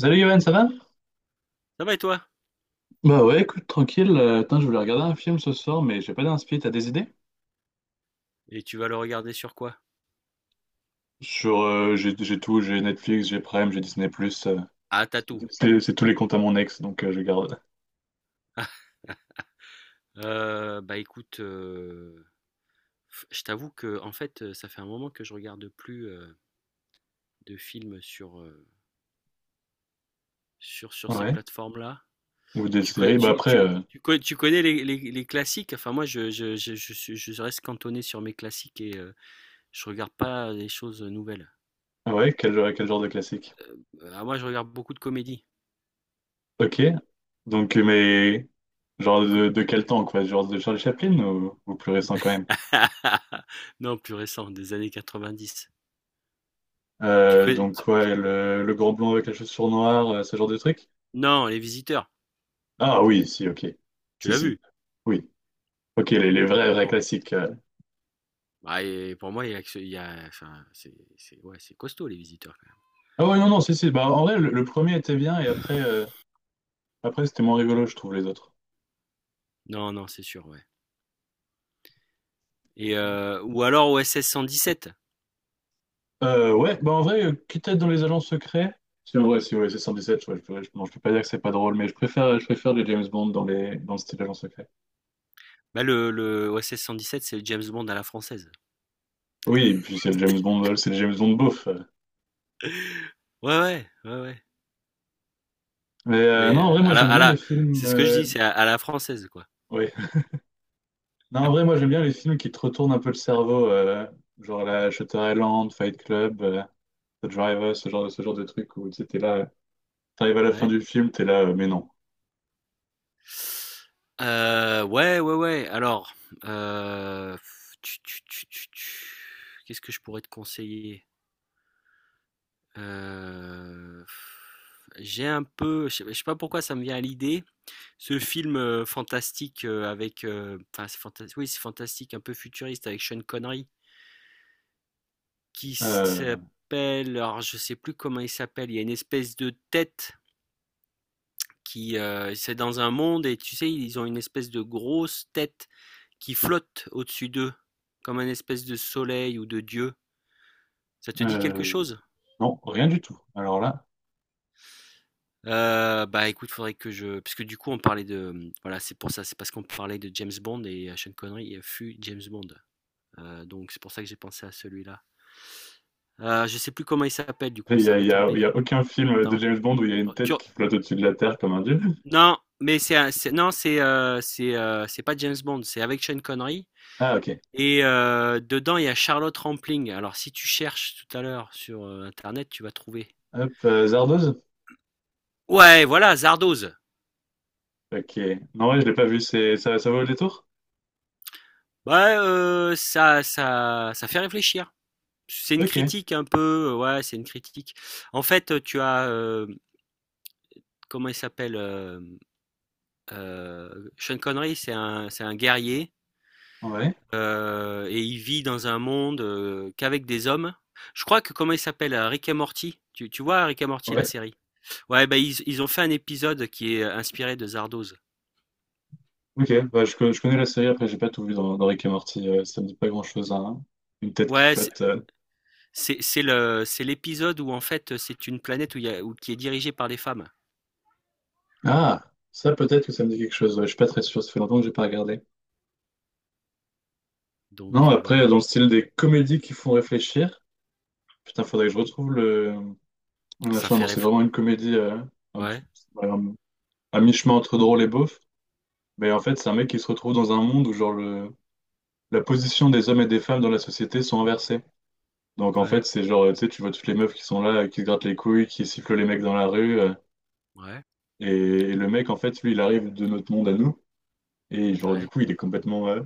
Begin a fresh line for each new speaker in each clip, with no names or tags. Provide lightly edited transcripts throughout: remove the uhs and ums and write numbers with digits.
Salut Johan, ça va?
Ça va et toi?
Bah ouais, écoute, tranquille. Attends, je voulais regarder un film ce soir, mais j'ai pas d'inspi. T'as des idées?
Et tu vas le regarder sur quoi?
Sur, j'ai tout, j'ai Netflix, j'ai Prime, j'ai Disney+. euh,
Ah, Tatou.
c'est tous les comptes à mon ex, donc je garde.
Bah écoute, je t'avoue que en fait, ça fait un moment que je regarde plus de films sur, sur ces
Ouais.
plateformes-là.
Ou des
Tu connais,
séries. Bah
tu,
après,
tu, tu connais les, les classiques? Enfin, moi, je reste cantonné sur mes classiques et je regarde pas des choses nouvelles.
ah ouais, quel genre de classique?
Ah, moi, je regarde beaucoup de comédies.
Ok. Donc, mais genre
Tu co-
de quel temps, quoi? Genre de Charlie Chaplin ou plus récent quand même?
Non, plus récent, des années 90. Tu connais,
Donc
tu-
ouais, le grand blond avec la chaussure noire, ce genre de truc?
Non, Les Visiteurs,
Ah oui, si, ok.
tu
Si,
l'as
si.
vu.
Oui. Ok, les vrais, vrais
Bon,
classiques.
bah et pour moi, enfin, ouais, c'est costaud les visiteurs quand même.
Ah ouais, non, non, si, si. Bah, en vrai, le premier était bien et après c'était moins rigolo, je trouve, les autres.
Non, non, c'est sûr, ouais. Et ou alors OSS 117.
Ouais, bah en vrai, quitte à être dans les agents secrets, si en vrai, si ouais, c'est 117, ouais, non, je peux pas dire que c'est pas drôle, mais je préfère les James Bond dans le style agent secret.
Bah le OSS 117, c'est le James Bond à la française.
Oui, et puis c'est le James Bond, c'est le James Bond beauf.
Ouais, ouais, ouais, ouais.
Mais
Mais
non, en vrai, moi j'aime bien les films.
c'est ce que je dis, c'est à la française, quoi.
Ouais. Non, en vrai, moi j'aime bien les films qui te retournent un peu le cerveau, genre la Shutter Island, Fight Club, The Driver, ce genre de truc où tu étais là. T'arrives à la fin
Ouais.
du film, t'es là, mais non.
Ouais, ouais, ouais. Alors, euh, tu- tu- tu- tu- tu- qu'est-ce que je pourrais te conseiller? Euh, j'ai un peu, je sais pas pourquoi ça me vient à l'idée. Ce film, fantastique, avec, enfin oui c'est fantastique, un peu futuriste avec Sean Connery qui
Euh,
s'appelle, alors je sais plus comment il s'appelle. Il y a une espèce de tête qui, c'est dans un monde et tu sais ils ont une espèce de grosse tête qui flotte au-dessus d'eux comme un espèce de soleil ou de dieu. Ça te dit quelque
euh,
chose?
non, rien du tout. Alors là,
Bah écoute, faudrait que je, parce que du coup on parlait de, voilà c'est pour ça, c'est parce qu'on parlait de James Bond et Sean Connery fut James Bond. Donc c'est pour ça que j'ai pensé à celui-là. Je sais plus comment il s'appelle du coup,
il y
ça
a,
va
il y
être
a- il y
embêtant.
a aucun film de James Bond où il y a une
Oh tu
tête qui flotte au-dessus de la terre comme un dieu.
Non, mais c'est un c'est non, c'est pas James Bond, c'est avec Sean Connery
Ah, ok.
et, dedans, il y a Charlotte Rampling. Alors si tu cherches tout à l'heure sur, internet, tu vas trouver.
Hop, Zardoz?
Ouais, voilà, Zardoz.
Ok. Non, ouais, je l'ai pas vu, ça vaut le détour?
Bah, ça fait réfléchir. C'est une
Ok.
critique un peu, ouais, c'est une critique. En fait, tu as, comment il s'appelle? Sean Connery, c'est un guerrier.
Ouais.
Et il vit dans un monde, qu'avec des hommes. Je crois que comment il s'appelle? Rick et Morty. Tu vois Rick et Morty, la
Ouais.
série? Ouais, bah, ils ont fait un épisode qui est, inspiré de Zardoz.
Ok. Bah, je connais la série, après, j'ai pas tout vu dans Rick et Morty, ça me dit pas grand-chose, hein. Une tête qui
Ouais,
flotte.
c'est l'épisode où en fait, c'est une planète où il y a où qui est dirigée par des femmes.
Ah! Ça, peut-être que ça me dit quelque chose. Ouais, je suis pas très sûr, ça fait longtemps que j'ai pas regardé. Non,
Donc,
après,
voilà.
dans le style des comédies qui font réfléchir. Putain, faudrait que je retrouve le
ça
machin.
fait
Bon, c'est
réf
vraiment une comédie un petit-
Ouais,
euh, à mi-chemin entre drôle et beauf. Mais en fait, c'est un mec qui se retrouve dans un monde où genre la position des hommes et des femmes dans la société sont inversées. Donc en fait,
ouais,
c'est genre, tu sais, tu vois toutes les meufs qui sont là, qui se grattent les couilles, qui sifflent les mecs dans la rue.
ouais,
Et... et le mec, en fait, lui, il arrive de notre monde à nous. Et genre, du
ouais,
coup, il est complètement, euh,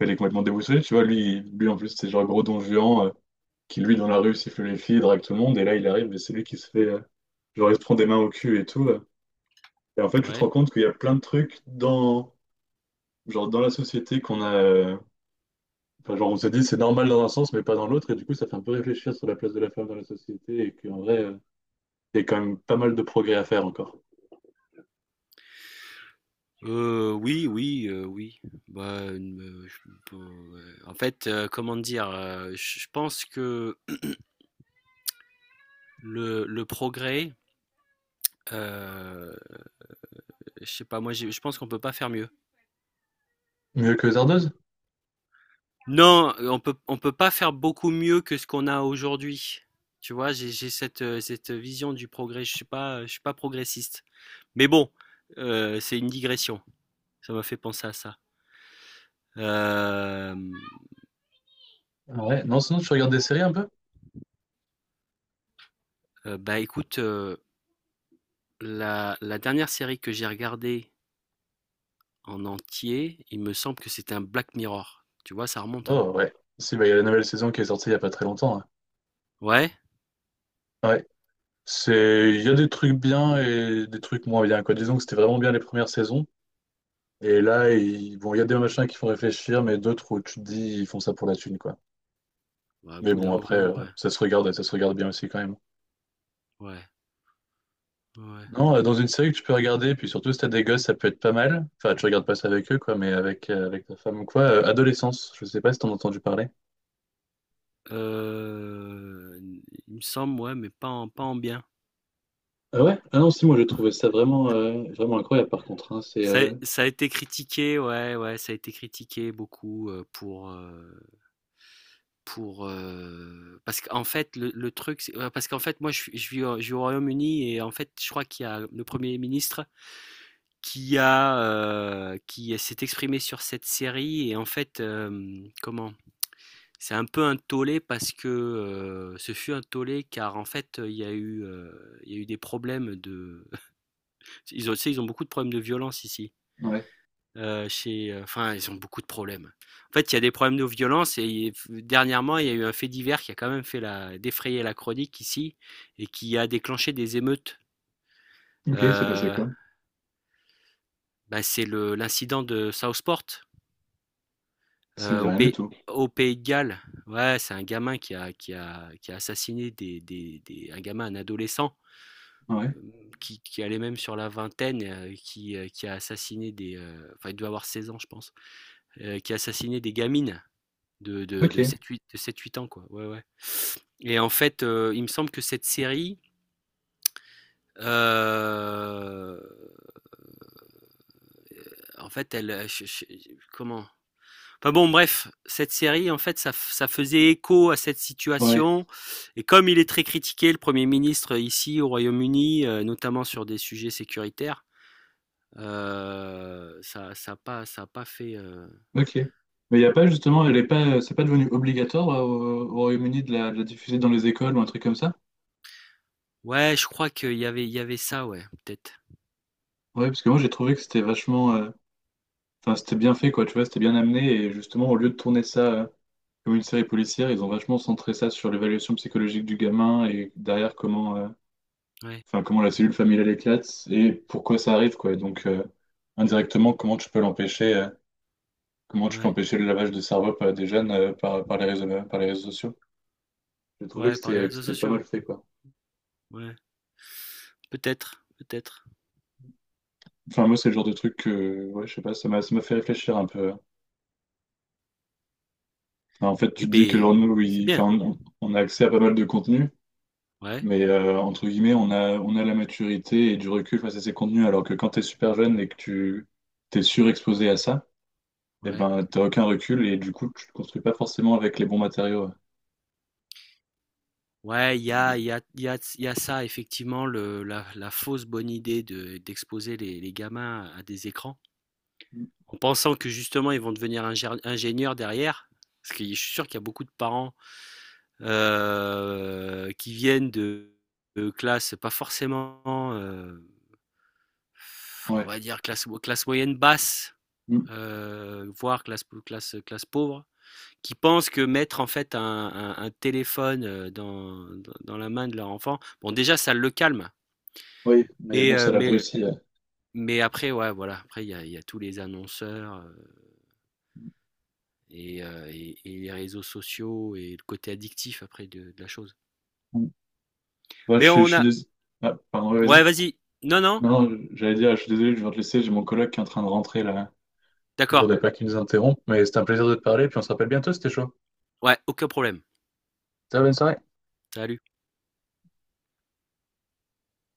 il est complètement déboussolé. Tu vois, lui en plus, c'est genre gros don Juan, qui, lui, dans la rue, siffle les filles, drague tout le monde. Et là, il arrive et c'est lui qui se fait. Genre, il se prend des mains au cul et tout. Et en fait, tu te rends
ouais.
compte qu'il y a plein de trucs dans, genre, dans la société qu'on a. Enfin, genre, on se dit c'est normal dans un sens, mais pas dans l'autre. Et du coup, ça fait un peu réfléchir sur la place de la femme dans la société. Et qu'en vrai, il y a quand même pas mal de progrès à faire encore.
Oui, oui, oui. Bah, je peux en fait, comment dire? Je pense que le progrès. Heu, je sais pas, moi j'ai je pense qu'on peut pas faire mieux.
Mieux que Zardoz?
Non, on peut pas faire beaucoup mieux que ce qu'on a aujourd'hui. Tu vois? J'ai cette vision du progrès. Je suis pas progressiste. Mais bon, c'est une digression. Ça m'a fait penser à ça. Hem,
Ah ouais. Non, sinon, tu regardes des séries un peu?
Bah, écoute, la dernière série que j'ai regardée en entier, il me semble que c'était un Black Mirror. Tu vois? Ça remonte, hein.
Oh, ouais. Si, bah, il y a la nouvelle saison qui est sortie il y a pas très longtemps, hein.
Ouais?
Ouais. Il y a des trucs bien et des trucs moins bien, quoi. Disons que c'était vraiment bien les premières saisons. Et là, bon, il y a des machins qui font réfléchir, mais d'autres où tu te dis, ils font ça pour la thune, quoi.
Bah, au
Mais
bout d'un
bon, après,
moment, ouais.
ça se regarde bien aussi quand même.
Ouais. Ouais.
Non, dans une série que tu peux regarder, puis surtout si t'as des gosses, ça peut être pas mal. Enfin, tu regardes pas ça avec eux, quoi, mais avec ta femme ou quoi. Adolescence, je sais pas si t'en as entendu parler.
Heu, il me semble, ouais, mais pas en bien.
Ah ouais? Ah non, si, moi j'ai trouvé ça vraiment, vraiment incroyable par contre, hein.
Ça a été critiqué, ouais, ouais, ça a été critiqué beaucoup, pour, parce qu'en fait le truc c'est, parce qu'en fait moi je vis au Royaume-Uni et en fait je crois qu'il y a le Premier ministre qui a, qui s'est exprimé sur cette série et en fait, comment? C'est un peu un tollé parce que, ce fut un tollé car en fait, il y a eu des problèmes de. Ils ont, tu sais, ils ont beaucoup de problèmes de violence ici.
Ouais.
Enfin, ils ont beaucoup de problèmes. En fait, il y a des problèmes de violence et dernièrement, il y a eu un fait divers qui a quand même défrayer la chronique ici et qui a déclenché des émeutes.
Ok, c'est passé
Euh,
quoi?
Bah, c'est l'incident de Southport,
Ça me
euh,
dit
au,
rien du
pays,
tout.
au Pays de Galles. Ouais, c'est un gamin qui a assassiné un gamin, un adolescent,
Ouais.
euh, qui allait même sur la vingtaine, qui a assassiné enfin, il doit avoir 16 ans, je pense, qui assassinait des gamines de,
Ok.
de, de 7-8 de 7-8 ans, quoi. Ouais, ouais. Et en fait, il me semble que cette série, euh, en fait, elle, comment? Enfin bon, bref, cette série, en fait, ça faisait écho à cette
Ouais.
situation. Et comme il est très critiqué, le Premier ministre, ici au Royaume-Uni, notamment sur des sujets sécuritaires, ça a pas fait.
Ok. Mais il y a pas justement, elle est pas, c'est pas devenu obligatoire au Royaume-Uni de la diffuser dans les écoles ou un truc comme ça?
Ouais, je crois il y avait ça, ouais, peut-être.
Ouais, parce que moi j'ai trouvé que c'était vachement. Enfin, c'était bien fait, quoi, tu vois, c'était bien amené. Et justement, au lieu de tourner ça comme une série policière, ils ont vachement centré ça sur l'évaluation psychologique du gamin et derrière
Ouais,
enfin, comment la cellule familiale éclate et pourquoi ça arrive, quoi. Et donc, indirectement, comment tu peux
ouais.
empêcher le lavage de cerveau par des jeunes par les réseaux sociaux. J'ai trouvé que
Ouais, par les
c'était, que
réseaux
c'était pas
sociaux.
mal fait, quoi.
Ouais. Peut-être, peut-être.
Enfin, moi, c'est le genre de truc que, ouais, je sais pas, ça m'a fait réfléchir un peu. Enfin, en fait, tu
Eh
te dis que,
ben
genre, nous,
c'est bien.
enfin, on a accès à pas mal de contenu.
Ouais,
Mais entre guillemets, on a la maturité et du recul face à ces contenus, alors que quand tu es super jeune et que tu t'es surexposé à ça, eh
ouais.
ben, t'as aucun recul et du coup, tu te construis pas forcément avec les bons matériaux.
Ouais, il y a, il y a, il y a, il y a ça, effectivement, la fausse bonne idée d'exposer les gamins à des écrans,
Mm.
en pensant que justement ils vont devenir ingénieurs derrière. Parce que je suis sûr qu'il y a beaucoup de parents, qui viennent de classes pas forcément, euh, on
Ouais.
va dire, classe moyenne basse,
Mm.
voire classe pauvre qui pensent que mettre en fait un téléphone, dans la main de leur enfant, bon déjà ça le calme,
Oui, mais
mais,
bon, ça
euh, mais,
l'abrutit.
mais après ouais voilà, après il y a tous les annonceurs, et les réseaux sociaux et le côté addictif après de la chose.
Mm. Ouais,
Mais on a.
Ah, pardon, ouais, vas-y.
Ouais, vas-y, non non,
Non, non, j'allais dire, je suis désolé, je viens te laisser, j'ai mon collègue qui est en train de rentrer là. Puis je
d'accord,
voudrais pas qu'il nous interrompe, mais c'était un plaisir de te parler, puis on se rappelle bientôt, c'était chaud.
ouais, aucun problème.
Ciao, bonne soirée.
Salut.